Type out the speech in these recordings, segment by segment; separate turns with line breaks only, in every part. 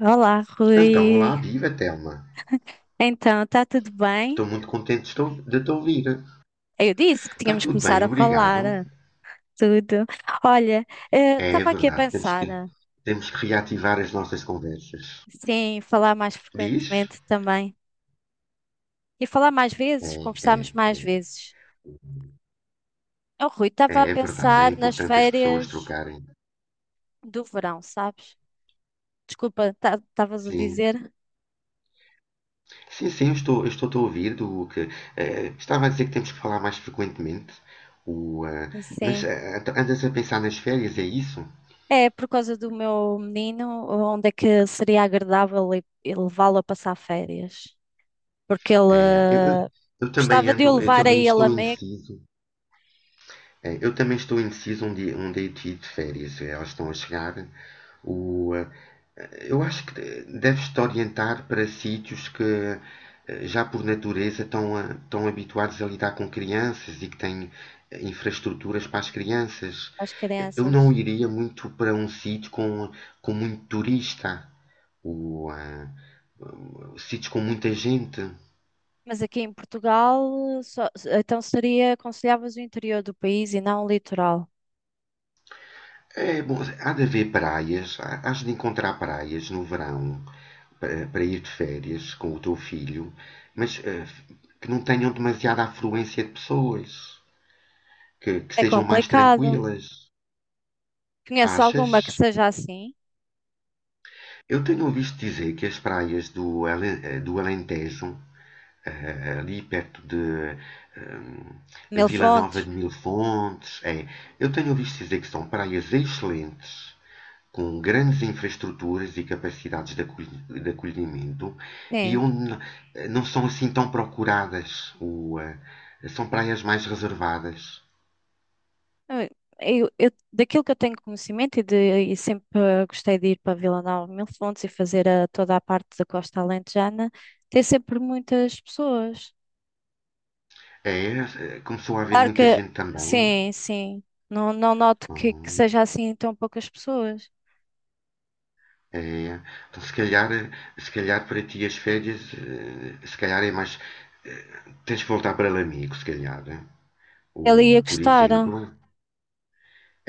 Olá,
Então,
Rui.
olá, viva Telma.
Então, está tudo
Estou
bem?
muito contente de te ouvir.
Eu disse que
Está
tínhamos que
tudo
começar
bem,
a falar
obrigado.
tudo. Olha,
É, é
estava aqui a
verdade, temos que,
pensar,
temos que reativar as nossas conversas.
sim, falar mais
Diz?
frequentemente também. E falar mais
É,
vezes,
é,
conversarmos mais vezes. Oh, Rui,
é,
estava a
é verdade, é
pensar nas
importante as pessoas
férias
trocarem.
do verão, sabes? Desculpa, estavas a
Sim,
dizer?
sim, sim, eu estou-te a ouvir do que... estava a dizer que temos que falar mais frequentemente. O, eh, mas
Sim.
eh, então andas a pensar nas férias, é isso?
É por causa do meu menino, onde é que seria agradável levá-lo a passar férias? Porque ele
É, eu, eu
eh,
eu também
gostava de eu
ando, eu
levar a
também
ele
estou
a meio
indeciso. É, eu também estou indeciso onde hei de ir de férias. Elas estão a chegar. O, eh, eu acho que deves-te orientar para sítios que já por natureza estão, estão habituados a lidar com crianças e que têm infraestruturas para as crianças.
às
Eu não
crianças.
iria muito para um sítio com muito turista, o ah, sítios com muita gente.
Mas aqui em Portugal, então seria, aconselhavas o interior do país e não o litoral.
É, bom, há de haver praias, hás de encontrar praias no verão para ir de férias com o teu filho, mas que não tenham demasiada afluência de pessoas, que
É
sejam mais
complicado.
tranquilas,
Conhece alguma que
achas?
seja assim?
Eu tenho ouvido dizer que as praias do Alentejo, ali perto de
Mil
Vila Nova
fontes?
de Mil Fontes, é, eu tenho ouvido dizer que são praias excelentes, com grandes infraestruturas e capacidades de acolhimento e
Sim.
onde não são assim tão procuradas, são praias mais reservadas.
Eu, eu daquilo que eu tenho conhecimento e, e sempre gostei de ir para Vila Nova de Mil Fontes e fazer toda a parte da Costa Alentejana, tem sempre muitas pessoas.
É, começou a haver
Claro
muita
que
gente também.
sim, sim. Não, não noto que
Hum,
seja assim tão poucas pessoas.
é. Então, se calhar, se calhar para ti as férias, se calhar é mais. Tens que voltar para Lamigo, se calhar. Eh.
Ele ia
Por
gostar.
exemplo,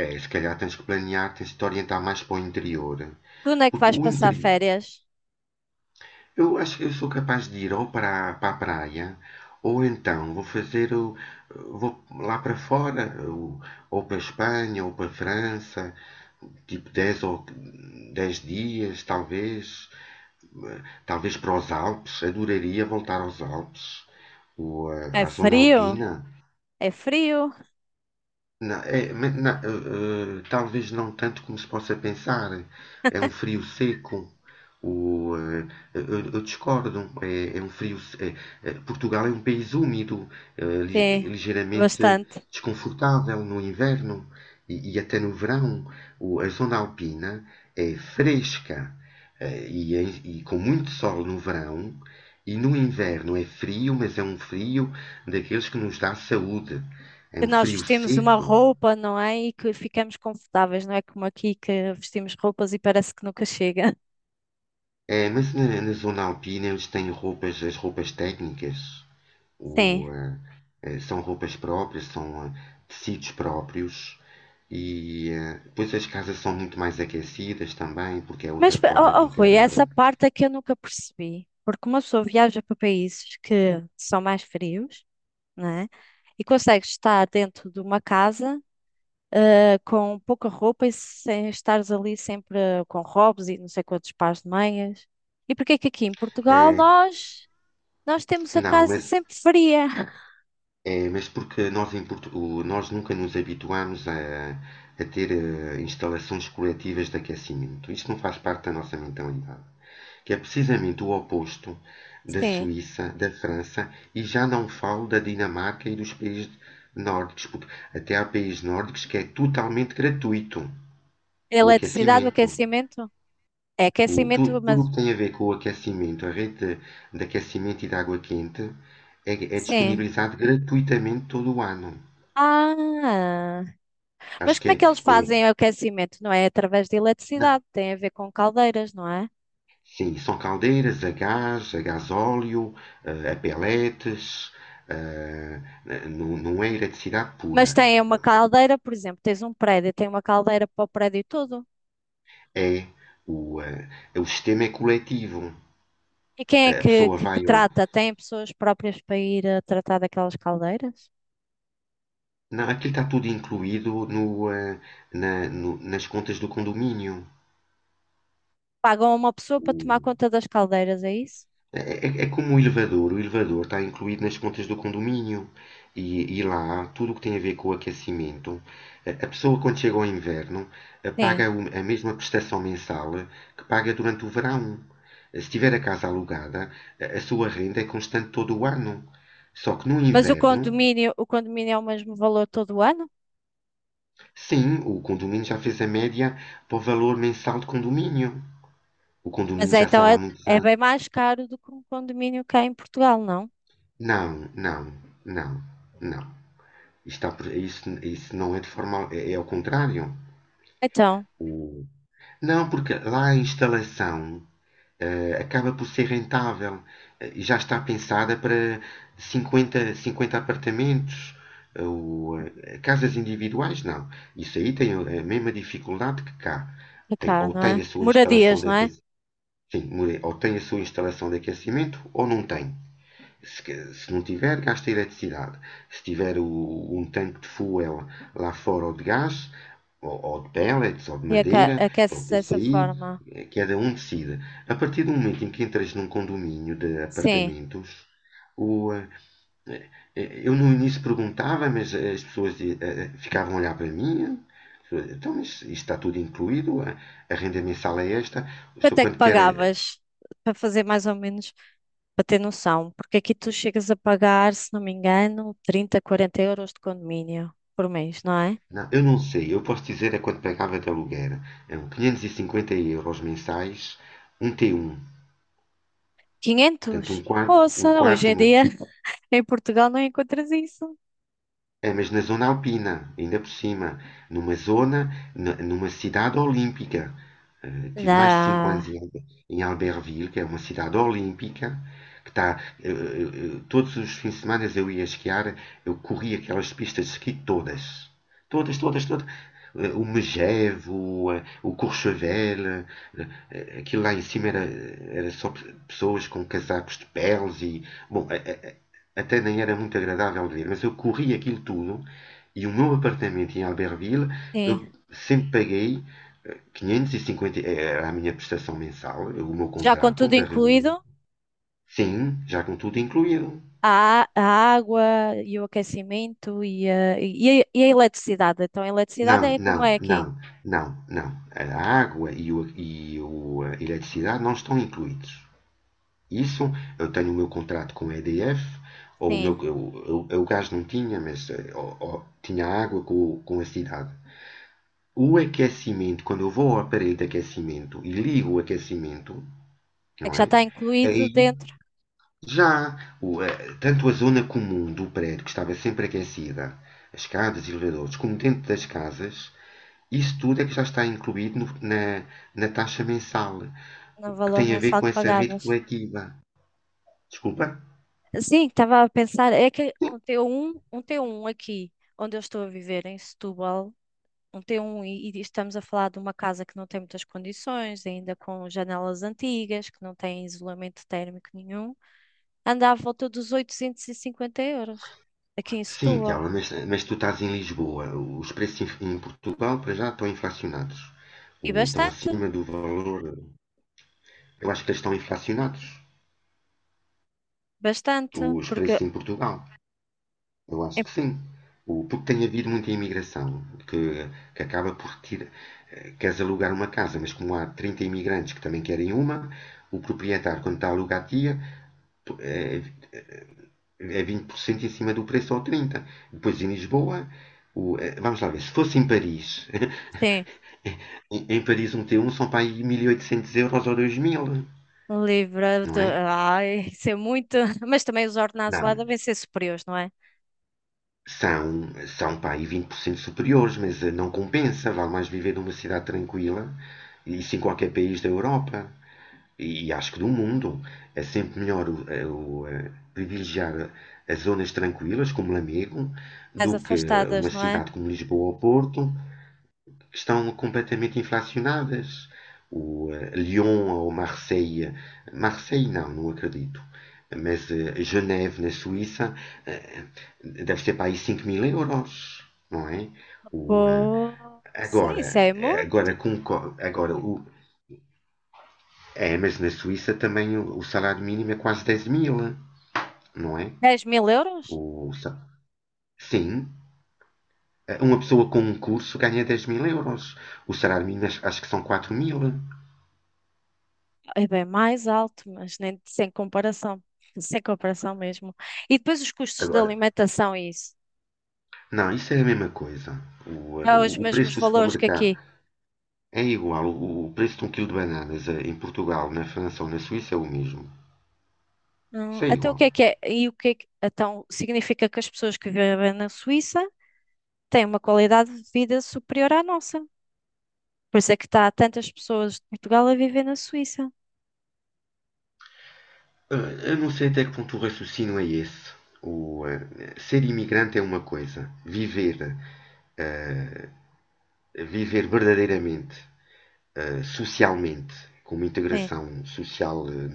é, se calhar tens que planear, tens de te orientar mais para o interior.
Tu onde é que
Porque
vais
o
passar
interior.
férias?
Eu acho que eu sou capaz de ir ou para a praia, ou então vou lá para fora, ou, para a Espanha, ou para a França, tipo 10 dias, talvez para os Alpes. Adoraria voltar aos Alpes, ou,
É
à zona
frio?
alpina.
É frio?
Não, é, mas não, talvez não tanto como se possa pensar. É um frio seco. O, eh, eu discordo. É um frio. Portugal é um país úmido,
Sim,
ligeiramente
bastante.
desconfortável no inverno e até no verão. A zona alpina é fresca, e com muito sol no verão. E no inverno é frio, mas é um frio daqueles que nos dá saúde. É
E
um
nós
frio
vestimos uma
seco.
roupa, não é? E que ficamos confortáveis, não é como aqui que vestimos roupas e parece que nunca chega.
É, mas na zona alpina eles têm roupas, as roupas técnicas,
Sim.
o, eh, são roupas próprias, são tecidos próprios e depois as casas são muito mais aquecidas também, porque é
Mas,
outra forma
oh,
de
oh, Rui,
encarar.
essa parte é que eu nunca percebi. Porque uma pessoa viaja para países que são mais frios, não é? E consegue estar dentro de uma casa com pouca roupa e sem estares ali sempre com robes e não sei quantos pares de meias. E porque é que aqui em Portugal
Eh,
nós temos a
não,
casa
mas,
sempre fria?
é, mas porque nós, nós nunca nos habituamos a ter instalações coletivas de aquecimento. Isto não faz parte da nossa mentalidade, que é precisamente o oposto da
Sim.
Suíça, da França, e já não falo da Dinamarca e dos países nórdicos, porque até há países nórdicos que é totalmente gratuito o
Eletricidade, o
aquecimento.
aquecimento? É aquecimento, mas
Tudo o que tem a ver com o aquecimento, a rede de aquecimento e de água quente, é
sim.
disponibilizado gratuitamente todo o ano.
Ah, mas
Acho que
como é que eles
é-
fazem o aquecimento? Não é através de
não.
eletricidade, tem a ver com caldeiras, não é?
Sim, são caldeiras a gás, a gasóleo, a peletes, eh, não, não é eletricidade
Mas
pura.
tem uma caldeira, por exemplo, tens um prédio, tem uma caldeira para o prédio todo.
É, o, eh, o sistema é coletivo.
E quem é
A
que,
pessoa
que
vai ao.
trata? Tem pessoas próprias para ir a tratar daquelas caldeiras?
Não, aquilo está tudo incluído nas contas do condomínio.
Pagam uma pessoa para tomar
O-
conta das caldeiras, é isso?
É como o elevador está incluído nas contas do condomínio, e lá tudo o que tem a ver com o aquecimento, a pessoa quando chega ao inverno paga
Sim.
a mesma prestação mensal que paga durante o verão. Se tiver a casa alugada, a sua renda é constante todo o ano. Só que no
Mas o
inverno,
condomínio, o condomínio é o mesmo valor todo o ano?
sim, o condomínio já fez a média para o valor mensal de condomínio. O
Mas
condomínio
é,
já
então
sabe há
é,
muitos
é
anos.
bem mais caro do que um condomínio cá em Portugal, não?
Não, não, não, não. Está, isso não é de forma. É ao contrário.
Então,
O- Não, porque lá a instalação acaba por ser rentável. E já está pensada para cinquenta apartamentos. Casas individuais, não. Isso aí tem a mesma dificuldade que cá.
é
Tem,
cá,
ou
não
tem
é?
a sua instalação
Moradias,
de
não é?
aquecimento. Sim, ou tem a sua instalação de aquecimento ou não tem. Se não tiver, gasta eletricidade. Se tiver um tanque de fuel lá fora ou de gás, ou de pellets, ou de
E
madeira,
aquece-se
pronto, isso
dessa
aí
forma.
cada um decide. A partir do momento em que entras num condomínio de
Sim.
apartamentos, o, eh, eu no início perguntava, mas as pessoas ficavam a olhar para mim. Então, mas isto está tudo incluído, a renda mensal é esta. O
Quanto
senhor,
é que
quando quer
pagavas para fazer mais ou menos? Para ter noção, porque aqui tu chegas a pagar, se não me engano, 30, 40 euros de condomínio por mês, não é?
não, eu não sei. Eu posso dizer é quanto pagava de aluguer. Eram 550 € mensais, um T1. Portanto, um
500?
quarto, um
Poça, hoje
quarto,
em
uma,
dia em Portugal não encontras isso.
é, mas na zona alpina, ainda por cima, numa zona, numa cidade olímpica. Tive mais de 5
Não,
anos em Albertville, que é uma cidade olímpica, que está. Todos os fins de semana eu ia esquiar, eu corri aquelas pistas de esqui todas. Todas, todas, todas. O Megevo, o Courchevel, aquilo lá em cima era só pessoas com casacos de peles e. Bom, até nem era muito agradável de ver, mas eu corri aquilo tudo e o meu apartamento em Albertville eu
sim.
sempre paguei 550, era a minha prestação mensal, o meu
Já com
contrato
tudo
da
incluído,
reunião. Sim, já com tudo incluído.
a água e o aquecimento e a eletricidade. Então, a eletricidade
Não,
é como
não,
é aqui.
não, não, não. A água e a eletricidade não estão incluídos. Isso, eu tenho o meu contrato com a EDF, ou o meu,
Sim,
eu o gás não tinha, mas tinha água com a cidade. O aquecimento, quando eu vou ao aparelho de aquecimento e ligo o aquecimento,
é
não
que já
é?
está incluído
Aí
dentro
já, tanto a zona comum do prédio, que estava sempre aquecida, as escadas e elevadores, como dentro das casas, isso tudo é que já está incluído na taxa mensal,
no
que
valor
tem a ver
mensal
com
que
essa rede
pagavas.
coletiva. Desculpa?
Sim, estava a pensar, é que um T1 aqui, onde eu estou a viver, em Setúbal, um T1, e estamos a falar de uma casa que não tem muitas condições, ainda com janelas antigas, que não tem isolamento térmico nenhum, anda à volta dos 850 euros, aqui em
Sim,
Setúbal.
Tiago, mas tu estás em Lisboa. Os preços em Portugal, para já, estão inflacionados.
E
Estão
bastante,
acima do valor. Eu acho que eles estão inflacionados,
bastante,
os
porque,
preços em Portugal. Eu
é-
acho que sim. Porque tem havido muita imigração, que, que acaba por tirar. Queres alugar uma casa, mas como há 30 imigrantes que também querem uma, o proprietário, quando está a alugar, tira, tu- é, é 20% em cima do preço ou 30%. Depois em Lisboa, vamos lá ver, se fosse em Paris,
sim,
em Paris um T1 são para aí 1.800 € ou 2.000,
livre
não
de,
é?
ai, isso é muito, mas também os ordenados lá
Não,
devem ser superiores, não é?
São, são pá, aí 20% superiores, mas não compensa. Vale mais viver numa cidade tranquila, e isso em qualquer país da Europa, e acho que do mundo. É sempre melhor privilegiar as zonas tranquilas, como Lamego, do
Mais
que uma
afastadas, não é?
cidade como Lisboa ou Porto, estão completamente inflacionadas. Lyon ou Marseille, Marseille não, não acredito, mas Geneve, na Suíça, eh, deve ser para aí 5 mil euros, não é? O, eh,
Pô, sim, isso
agora,
é
agora, com, agora o, é, mas na Suíça também o salário mínimo é quase 10.000, não é?
10.000 euros?
O, sim, uma pessoa com um curso ganha 10 mil euros. O salário mínimo acho, que são 4.000.
É bem mais alto, mas nem sem comparação. Sem comparação mesmo. E depois os custos de
Agora,
alimentação e isso?
não, isso é a mesma coisa. O, eh,
É os
o- o
mesmos
preço do
valores que aqui.
supermercado é igual. O preço de um quilo de bananas em Portugal, na França ou na Suíça é o mesmo. Isso é
Então o que
igual.
é que é? E o que é que- então significa que as pessoas que vivem na Suíça têm uma qualidade de vida superior à nossa. Por isso é que está tantas pessoas de Portugal a viver na Suíça.
Eu não sei até que ponto o raciocínio é esse. O, eh, Ser imigrante é uma coisa. Eh, viver verdadeiramente, socialmente, com uma
Sim,
integração social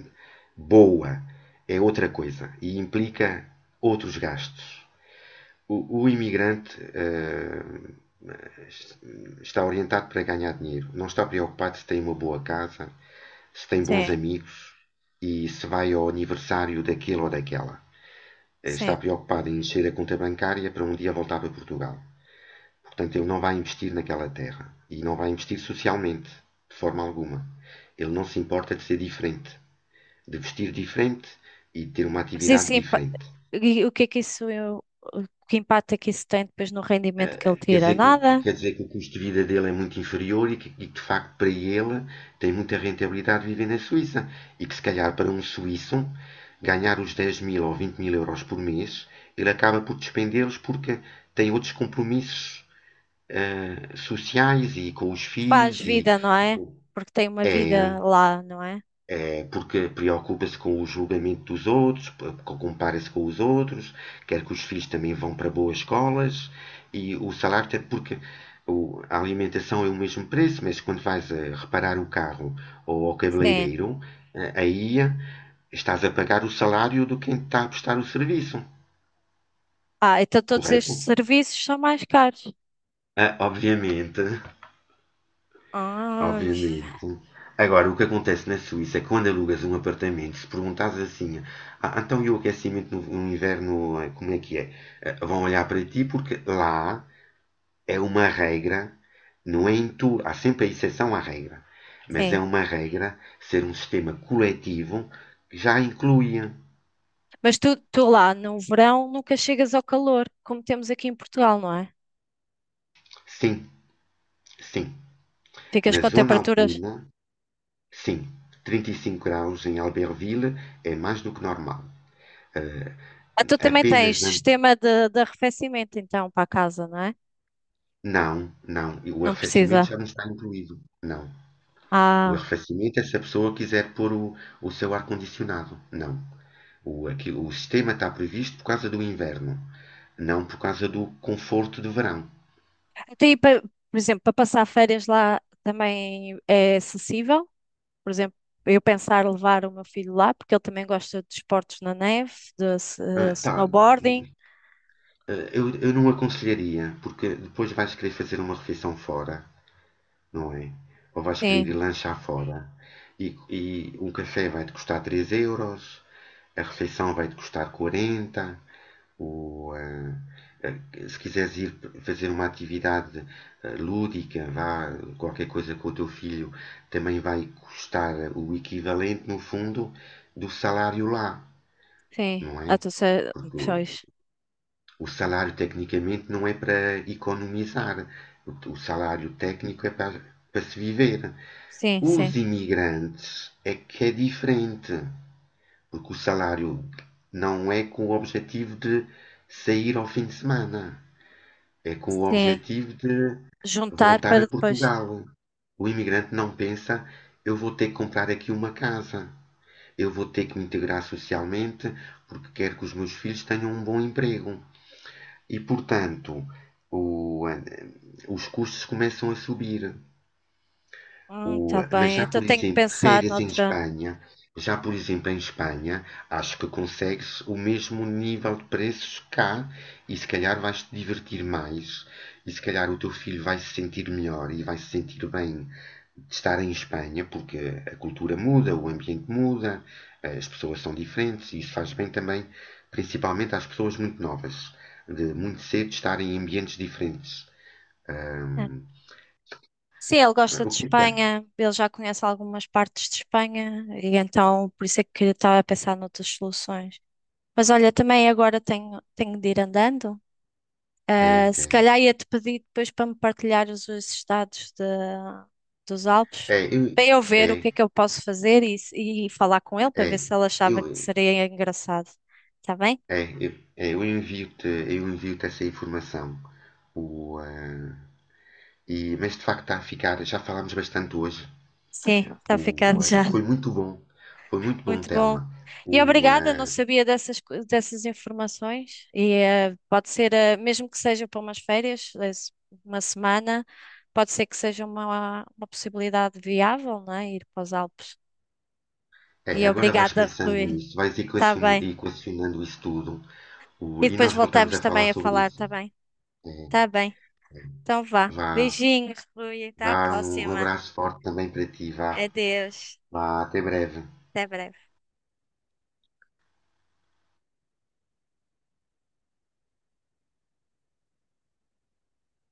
boa, é outra coisa. E implica outros gastos. O imigrante está orientado para ganhar dinheiro. Não está preocupado se tem uma boa casa, se tem bons
sim,
amigos e se vai ao aniversário daquele ou daquela. Está
sim.
preocupado em encher a conta bancária para um dia voltar para Portugal. Portanto, ele não vai investir naquela terra e não vai investir socialmente, de forma alguma. Ele não se importa de ser diferente, de vestir diferente e de ter uma
Mas
atividade
isso,
diferente.
e o que impacto é que isso tem depois no
eh,
rendimento que ele
eh, quer
tira?
dizer
Nada?
que, quer dizer que o custo de vida dele é muito inferior e que, de facto para ele tem muita rentabilidade viver na Suíça. E que se calhar para um suíço ganhar os 10.000 ou 20.000 € por mês, ele acaba por despendê-los porque tem outros compromissos sociais e com os
Faz
filhos e
vida, não é? Porque tem uma vida
é,
lá, não é?
porque preocupa-se com o julgamento dos outros, compara-se com os outros, quer que os filhos também vão para boas escolas e o salário até porque a alimentação é o mesmo preço, mas quando vais a reparar o carro ou ao
Sim.
cabeleireiro, aí estás a pagar o salário do quem está a prestar o serviço,
Ah, então todos estes
correto?
serviços são mais caros.
Ah, obviamente,
Ah,
obviamente. Agora, o que acontece na Suíça é que quando alugas um apartamento, se perguntares assim, ah, então e o aquecimento no inverno, como é que é? Vão olhar para ti porque lá é uma regra, não é em tu, há sempre a exceção à regra, mas é
sim.
uma regra ser um sistema coletivo que já incluía,
Mas tu lá no verão nunca chegas ao calor, como temos aqui em Portugal, não é?
sim, sim,
Ficas
na
com
zona
temperaturas.
alpina, sim, 35 graus em Albertville é mais do que normal. Eh,
Ah, tu também
apenas
tens
an-
sistema de arrefecimento, então, para a casa, não é?
Não, não. E o
Não
arrefecimento
precisa.
já não está incluído. Não. O
Ah,
arrefecimento é se a pessoa quiser pôr o seu ar-condicionado. Não. O sistema está previsto por causa do inverno, não por causa do conforto do verão.
até aí, por exemplo, para passar férias lá também é acessível? Por exemplo, eu pensar levar o meu filho lá, porque ele também gosta de esportes na neve, de
Ah, tá. Ah,
snowboarding.
eu não aconselharia, porque depois vais querer fazer uma refeição fora, não é? Ou vais querer ir
Sim,
lanchar fora, e um café vai-te custar 3 euros, a refeição vai-te custar 40. o, ah, Se quiseres ir fazer uma atividade lúdica, vá, qualquer coisa com o teu filho, também vai custar o equivalente, no fundo, do salário lá,
sim.
não
Ah,
é?
tu sei,
Porque o
pois.
salário tecnicamente não é para economizar, o salário técnico é para se viver.
Sim, sim,
Os imigrantes é que é diferente, porque o salário não é com o objetivo de sair ao fim de semana, é com o
sim.
objetivo de
Juntar
voltar
para
a
depois.
Portugal. O imigrante não pensa, eu vou ter que comprar aqui uma casa, eu vou ter que me integrar socialmente, porque quero que os meus filhos tenham um bom emprego. E, portanto, o- eh, os custos começam a subir.
Tá
Mas
bem.
já,
Então
por
tenho que
exemplo,
pensar
férias em
noutra.
Espanha, já, por exemplo, em Espanha, acho que consegues o mesmo nível de preços cá e se calhar vais te divertir mais e se calhar o teu filho vai se sentir melhor e vai se sentir bem de estar em Espanha porque a cultura muda, o ambiente muda, as pessoas são diferentes e isso faz bem também, principalmente às pessoas muito novas, de muito cedo estarem em ambientes diferentes.
É. Sim, ele gosta de
O que é?
Espanha, ele já conhece algumas partes de Espanha, e então por isso é que eu estava a pensar noutras soluções. Mas olha, também agora tenho de ir andando.
É,
Ah, se
é.
calhar ia-te pedir depois para me partilhares os estados dos Alpes,
É, É, eu-
para eu ver o
é,
que é que eu posso fazer e, e falar com ele para ver
É,
se ele achava que
eu,
seria engraçado. Está bem?
é, eu, eu envio-te essa informação. O, eh, mas de facto está a ficar, já falámos bastante hoje.
Sim, está ficando já.
Foi muito bom, foi muito bom,
Muito bom.
Telma.
E
O,
obrigada, não
eh,
sabia dessas, dessas informações. E pode ser, mesmo que seja para umas férias, uma semana, pode ser que seja uma possibilidade viável, não é? Ir para os Alpes.
É,
E
agora vais
obrigada,
pensando
Rui.
nisso, vais
Está bem.
equacionando isso tudo.
E
E
depois
nós voltamos
voltamos
a falar
também a
sobre
falar,
isso.
tá bem?
É,
Tá bem.
é,
Então vá.
vá,
Beijinhos, Rui. Até à
vá, um
próxima.
abraço forte também para ti, vá,
Adeus.
vá, até breve.
Até breve.